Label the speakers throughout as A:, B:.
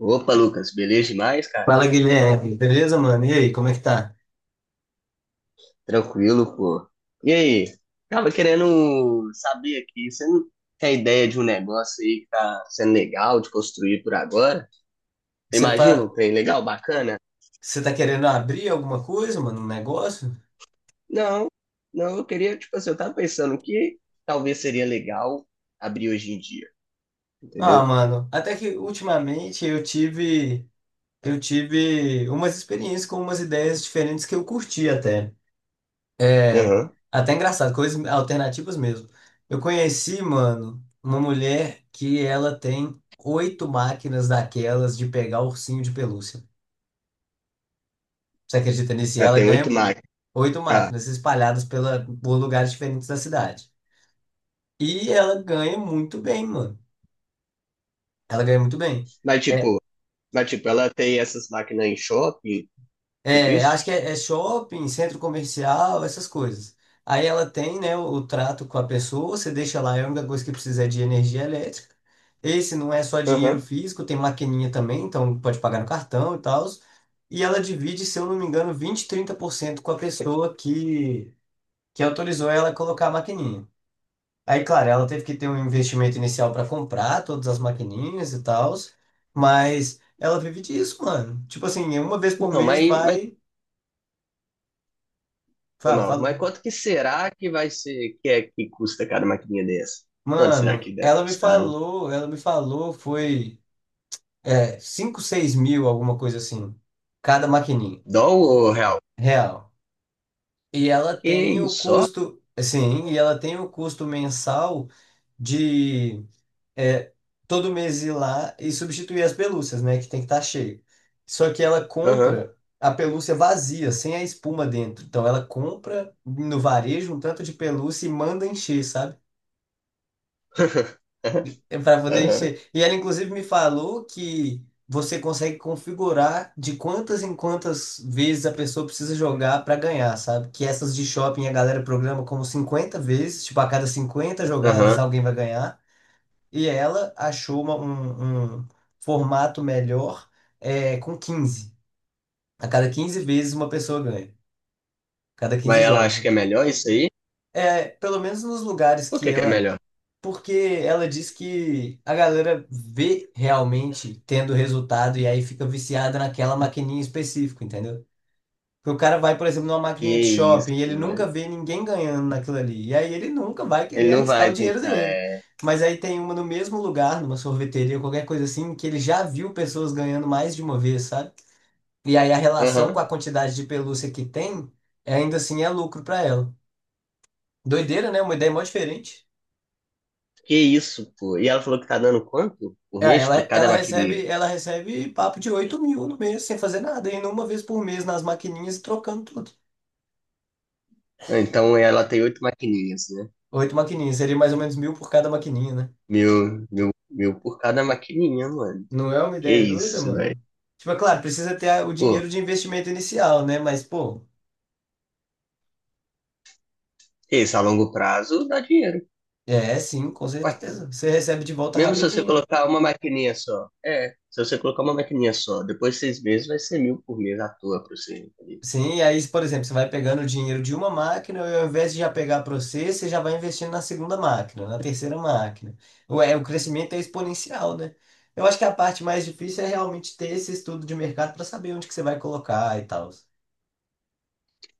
A: Opa, Lucas, beleza demais, cara?
B: Fala, Guilherme. Beleza, mano? E aí, como é que tá?
A: Tranquilo, pô. E aí? Tava querendo saber aqui, você não tem ideia de um negócio aí que tá sendo legal de construir por agora?
B: Você
A: Imagina um
B: tá,
A: trem legal, bacana?
B: você tá querendo abrir alguma coisa, mano? Um negócio?
A: Não, não, eu queria, tipo assim, eu tava pensando que talvez seria legal abrir hoje em dia,
B: Ah,
A: entendeu?
B: mano, até que ultimamente eu tive umas experiências com umas ideias diferentes que eu curti até. É,
A: Aham.
B: até engraçado, coisas alternativas mesmo. Eu conheci, mano, uma mulher que ela tem oito máquinas daquelas de pegar ursinho de pelúcia. Você acredita nisso? E
A: Ela
B: ela
A: tem oito
B: ganha
A: máquinas,
B: oito
A: tá.
B: máquinas espalhadas por lugares diferentes da cidade. E ela ganha muito bem, mano. Ela ganha muito bem.
A: Mas
B: É,
A: tipo, mas tipo, ela tem essas máquinas em shopping, tipo isso?
B: acho que é shopping, centro comercial, essas coisas. Aí ela tem, né, o trato com a pessoa, você deixa lá, é a única coisa que precisa é de energia elétrica. Esse não é só dinheiro
A: Aham.
B: físico, tem maquininha também, então pode pagar no cartão e tal. E ela divide, se eu não me engano, 20, 30% com a pessoa que autorizou ela a colocar a maquininha. Aí, claro, ela teve que ter um investimento inicial para comprar todas as maquininhas e tal, mas ela vive disso, mano. Tipo assim, uma vez por
A: Então,
B: mês
A: mas
B: vai,
A: foi
B: fala,
A: mal. Mas
B: fala.
A: quanto que será que vai ser, que é que custa cada maquininha dessa? Quanto será
B: Mano,
A: que deve custar, hein?
B: foi 5, 6 mil, alguma coisa assim, cada maquininha,
A: Dólar ou real?
B: real. E ela
A: Que
B: tem o
A: isso, só?
B: custo, assim, e ela tem o custo mensal de é, todo mês ir lá e substituir as pelúcias, né? Que tem que estar cheio. Só que ela
A: Aham.
B: compra a pelúcia vazia, sem a espuma dentro. Então ela compra no varejo um tanto de pelúcia e manda encher, sabe? É para poder
A: Aham.
B: encher. E ela inclusive me falou que você consegue configurar de quantas em quantas vezes a pessoa precisa jogar para ganhar, sabe? Que essas de shopping a galera programa como 50 vezes, tipo a cada 50 jogadas
A: Aham.
B: alguém vai ganhar. E ela achou um formato melhor com 15. A cada 15 vezes, uma pessoa ganha. Cada
A: Mas
B: 15
A: ela
B: jogos,
A: acha que
B: né?
A: é melhor isso aí?
B: É, pelo menos nos lugares
A: Por
B: que
A: que que é
B: ela.
A: melhor?
B: Porque ela diz que a galera vê realmente tendo resultado e aí fica viciada naquela maquininha específica, entendeu? Porque o cara vai, por exemplo, numa
A: Que
B: maquininha de
A: isso,
B: shopping e ele
A: mano.
B: nunca vê ninguém ganhando naquilo ali. E aí ele nunca vai
A: Ele
B: querer
A: não
B: arriscar o
A: vai
B: dinheiro
A: tentar,
B: dele.
A: é.
B: Mas aí tem uma no mesmo lugar, numa sorveteria, ou qualquer coisa assim, que ele já viu pessoas ganhando mais de uma vez, sabe? E aí a relação com a
A: Aham.
B: quantidade de pelúcia que tem, ainda assim é lucro pra ela. Doideira, né? Uma ideia mó diferente.
A: Que isso, pô. E ela falou que tá dando quanto por
B: É,
A: mês
B: ela,
A: por cada
B: ela
A: maquininha?
B: recebe, ela recebe papo de 8 mil no mês, sem fazer nada, indo uma vez por mês nas maquininhas e trocando tudo.
A: Ah, então ela tem oito maquininhas, né?
B: Oito maquininhas, seria mais ou menos mil por cada maquininha, né?
A: Mil, mil, mil por cada maquininha, mano.
B: Não é uma
A: Que
B: ideia doida,
A: isso, velho.
B: mano? Tipo, é claro, precisa ter o
A: Pô,
B: dinheiro de investimento inicial, né? Mas, pô,
A: isso a longo prazo dá dinheiro.
B: é sim, com
A: Ué,
B: certeza. Você recebe de volta
A: mesmo se você
B: rapidinho.
A: colocar uma maquininha só. É, se você colocar uma maquininha só, depois de 6 meses vai ser mil por mês à toa pra você, entendeu?
B: Sim, e aí, por exemplo, você vai pegando o dinheiro de uma máquina e ao invés de já pegar para você, você já vai investindo na segunda máquina, na terceira máquina. O crescimento é exponencial, né? Eu acho que a parte mais difícil é realmente ter esse estudo de mercado para saber onde que você vai colocar e tal.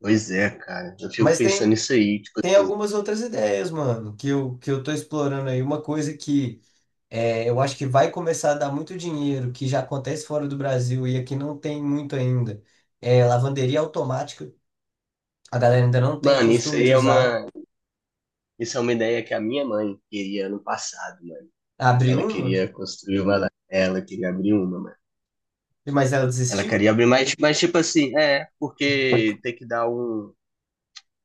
A: Pois é, cara. Eu fico
B: Mas
A: pensando
B: tem,
A: nisso aí, tipo
B: tem
A: assim.
B: algumas outras ideias, mano, que eu tô explorando aí. Uma coisa que. É, eu acho que vai começar a dar muito dinheiro, que já acontece fora do Brasil e aqui não tem muito ainda. É, lavanderia automática, a galera ainda não tem
A: Mano,
B: costume de usar.
A: isso é uma ideia que a minha mãe queria ano passado, mano.
B: Abriu
A: Ela
B: uma,
A: queria construir uma, lá. Ela queria abrir uma, mano.
B: mas ela
A: Ela
B: desistiu?
A: queria abrir mais, mas tipo assim, é, porque tem que dar um,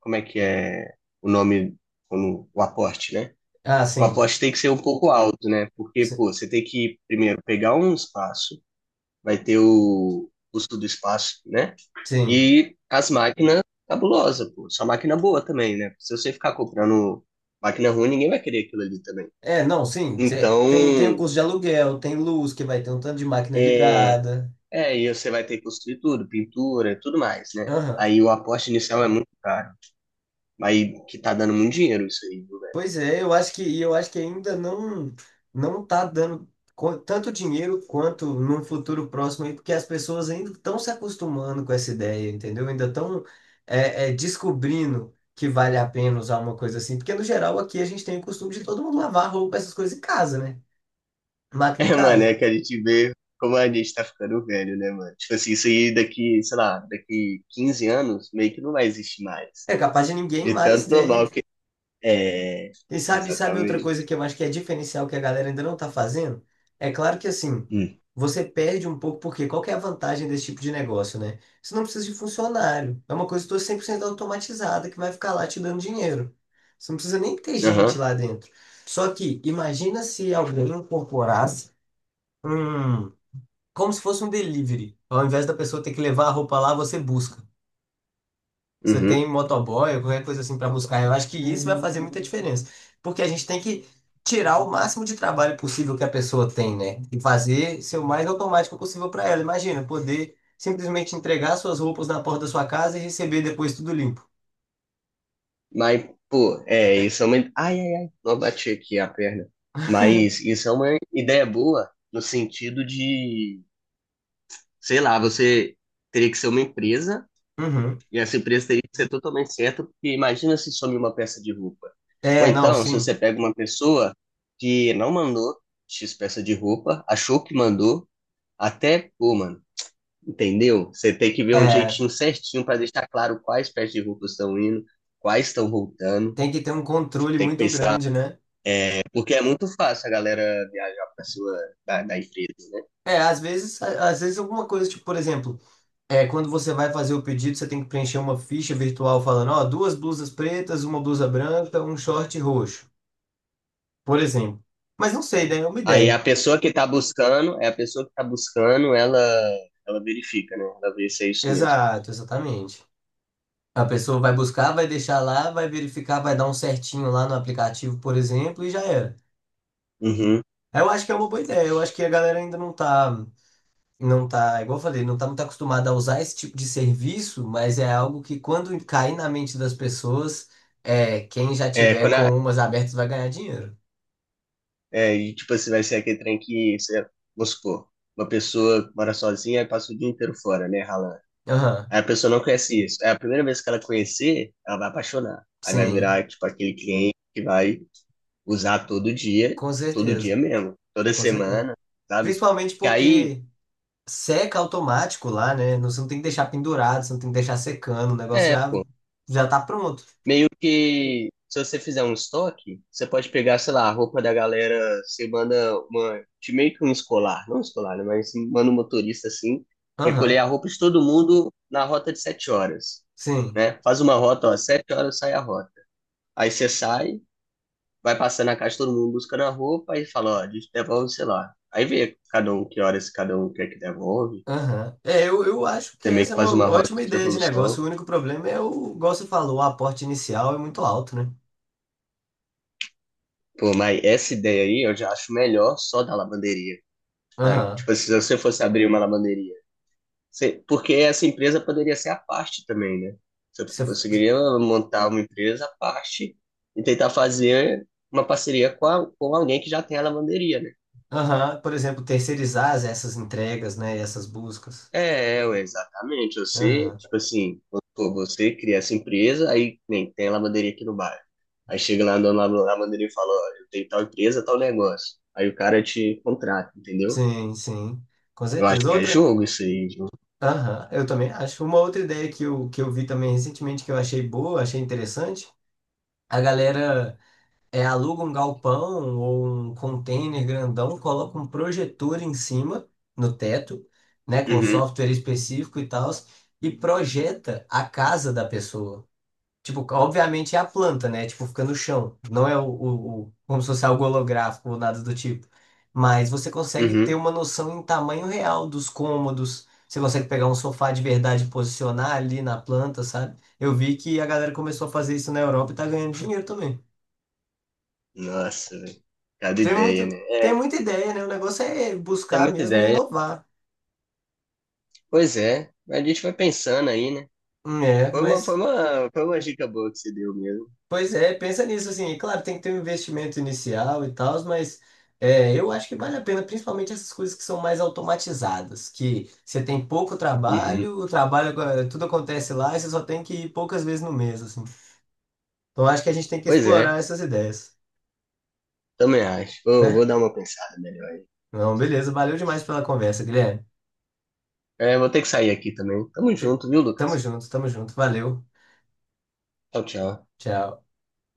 A: como é que é o nome, como, o aporte, né?
B: Ah,
A: O
B: sim.
A: aposta tem que ser um pouco alto, né? Porque,
B: Si-
A: pô, você tem que primeiro pegar um espaço, vai ter o custo do espaço, né?
B: Sim.
A: E as máquinas cabulosa, pô. Só máquina boa também, né? Se você ficar comprando máquina ruim, ninguém vai querer aquilo ali também.
B: É, não, sim.
A: Então,
B: Tem o custo de aluguel, tem luz, que vai ter um tanto de máquina
A: é,
B: ligada.
A: é, e você vai ter que construir tudo, pintura, tudo mais, né?
B: Aham.
A: Aí o aposta inicial é muito caro, mas que tá dando muito dinheiro isso aí, viu.
B: Pois é, eu acho que ainda não tá dando tanto dinheiro quanto num futuro próximo aí, porque as pessoas ainda estão se acostumando com essa ideia, entendeu? Ainda estão descobrindo que vale a pena usar uma coisa assim, porque no geral aqui a gente tem o costume de todo mundo lavar roupa, essas coisas em casa, né? Máquina em
A: É, mano, é
B: casa.
A: que a gente vê como a gente tá ficando velho, né, mano? Tipo assim, isso aí daqui, sei lá, daqui 15 anos, meio que não vai existir mais.
B: É capaz de ninguém
A: De
B: mais
A: tanto
B: ter.
A: normal que. É, é,
B: E sabe outra
A: exatamente.
B: coisa que eu acho que é diferencial que a galera ainda não tá fazendo? É claro que assim,
A: Hum.
B: você perde um pouco, porque qual que é a vantagem desse tipo de negócio, né? Você não precisa de funcionário. É uma coisa toda 100% automatizada que vai ficar lá te dando dinheiro. Você não precisa nem ter gente
A: Aham,
B: lá dentro. Só que imagina se alguém incorporasse um, como se fosse um delivery. Ao invés da pessoa ter que levar a roupa lá, você busca. Você tem
A: uhum.
B: motoboy, qualquer coisa assim pra buscar. Eu acho que isso vai fazer muita diferença. Porque a gente tem que tirar o máximo de trabalho possível que a pessoa tem, né? E fazer ser o mais automático possível pra ela. Imagina, poder simplesmente entregar suas roupas na porta da sua casa e receber depois tudo limpo.
A: Mas, pô, é, isso é uma. Ai, ai, ai, não bati aqui a perna. Mas isso é uma ideia boa no sentido de, sei lá, você teria que ser uma empresa.
B: Uhum.
A: E essa empresa teria que ser totalmente certa, porque imagina se some uma peça de roupa. Ou
B: É, não,
A: então, se
B: sim.
A: você pega uma pessoa que não mandou X peça de roupa, achou que mandou, até, pô, mano, entendeu? Você tem que ver um
B: É,
A: jeitinho certinho para deixar claro quais peças de roupa estão indo, quais estão voltando.
B: tem que ter um controle
A: Tem que
B: muito
A: pensar,
B: grande, né?
A: porque é muito fácil a galera viajar para sua da, da empresa, né?
B: É, às vezes, às vezes alguma coisa, tipo, por exemplo, quando você vai fazer o pedido, você tem que preencher uma ficha virtual falando, ó, duas blusas pretas, uma blusa branca, um short roxo, por exemplo. Mas não sei, daí é uma
A: Aí a
B: ideia.
A: pessoa que tá buscando, ela verifica, né? Ela vê se é isso mesmo.
B: Exato, exatamente. A pessoa vai buscar, vai deixar lá, vai verificar, vai dar um certinho lá no aplicativo, por exemplo, e já era.
A: Uhum.
B: Eu acho que é uma boa ideia. Eu acho que a galera ainda não tá, igual eu falei, não tá muito acostumada a usar esse tipo de serviço, mas é algo que quando cair na mente das pessoas, quem já
A: É,
B: tiver
A: quando a
B: com umas abertas vai ganhar dinheiro.
A: É, e tipo assim, vai ser aquele trem que, você, vamos supor, uma pessoa mora sozinha e passa o dia inteiro fora, né, ralando.
B: Aham,
A: Aí a pessoa não conhece isso. É a primeira vez que ela conhecer, ela vai apaixonar. Aí vai
B: sim,
A: virar, tipo, aquele cliente que vai usar
B: com
A: todo dia
B: certeza,
A: mesmo, toda
B: com certeza.
A: semana, sabe?
B: Principalmente
A: Que aí,
B: porque seca automático lá, né? Você não tem que deixar pendurado, você não tem que deixar secando, o negócio
A: é, pô,
B: já tá pronto.
A: meio que se você fizer um estoque, você pode pegar, sei lá, a roupa da galera, você manda uma, de meio que um escolar, não um escolar, né, mas manda um motorista assim, recolher
B: Aham,
A: a roupa de todo mundo na rota de 7 horas,
B: sim.
A: né? Faz uma rota, ó, 7 horas sai a rota. Aí você sai, vai passando na casa de todo mundo buscando a roupa e fala, ó, a gente devolve, sei lá. Aí vê cada um que horas cada um quer que devolve.
B: Aham. É, eu acho que
A: Você meio
B: essa
A: que
B: é uma
A: faz uma rota
B: ótima
A: de
B: ideia de
A: devolução.
B: negócio. O único problema é o, igual você falou, o aporte inicial é muito alto, né?
A: Pô, mas essa ideia aí eu já acho melhor só da lavanderia. Tá?
B: Aham.
A: Tipo assim, se você fosse abrir uma lavanderia. Você- porque essa empresa poderia ser à parte também, né? Você
B: Você-
A: conseguiria montar uma empresa à parte e tentar fazer uma parceria com, a- com alguém que já tem a lavanderia, né?
B: Aham. Por exemplo, terceirizar essas entregas, né? Essas buscas.
A: É, ué, exatamente. Você,
B: Aham.
A: tipo assim, pô, você cria essa empresa, aí nem tem a lavanderia aqui no bairro. Aí chega lá a dona da lavanderia e fala, ó, eu tenho tal empresa, tal negócio. Aí o cara te contrata, entendeu?
B: Sim, sim. Com
A: Eu acho
B: certeza.
A: que é
B: Outra.
A: jogo isso aí, viu?
B: Aham. Eu também acho. Uma outra ideia que eu vi também recentemente que eu achei boa, achei interessante. A galera. É, aluga um galpão ou um container grandão, coloca um projetor em cima, no teto, né, com um
A: Uhum,
B: software específico e tal, e projeta a casa da pessoa. Tipo, obviamente é a planta, né? Tipo, fica no chão. Não é como se fosse algo holográfico ou nada do tipo. Mas você consegue ter
A: uhum.
B: uma noção em tamanho real dos cômodos. Você consegue pegar um sofá de verdade e posicionar ali na planta, sabe? Eu vi que a galera começou a fazer isso na Europa e tá ganhando dinheiro também.
A: Nossa, velho. Cada
B: Tem
A: ideia,
B: muito,
A: né?
B: tem
A: É,
B: muita ideia, né? O negócio é
A: tem
B: buscar
A: muita
B: mesmo e
A: ideia.
B: inovar.
A: Pois é, a gente vai pensando aí, né?
B: É,
A: Foi uma, foi
B: mas,
A: uma, foi uma dica boa que você deu mesmo.
B: pois é, pensa nisso, assim, e claro, tem que ter um investimento inicial e tal, mas eu acho que vale a pena, principalmente essas coisas que são mais automatizadas, que você tem pouco
A: Uhum.
B: trabalho, o trabalho, tudo acontece lá e você só tem que ir poucas vezes no mês, assim. Então, acho que a gente tem que
A: Pois é,
B: explorar essas ideias,
A: também acho. Vou
B: né?
A: dar uma pensada melhor aí.
B: Não, beleza, valeu demais pela conversa, Guilherme.
A: É, vou ter que sair aqui também. Tamo
B: Fe-
A: junto, viu, Lucas?
B: Tamo junto, valeu,
A: Tchau, tchau.
B: tchau.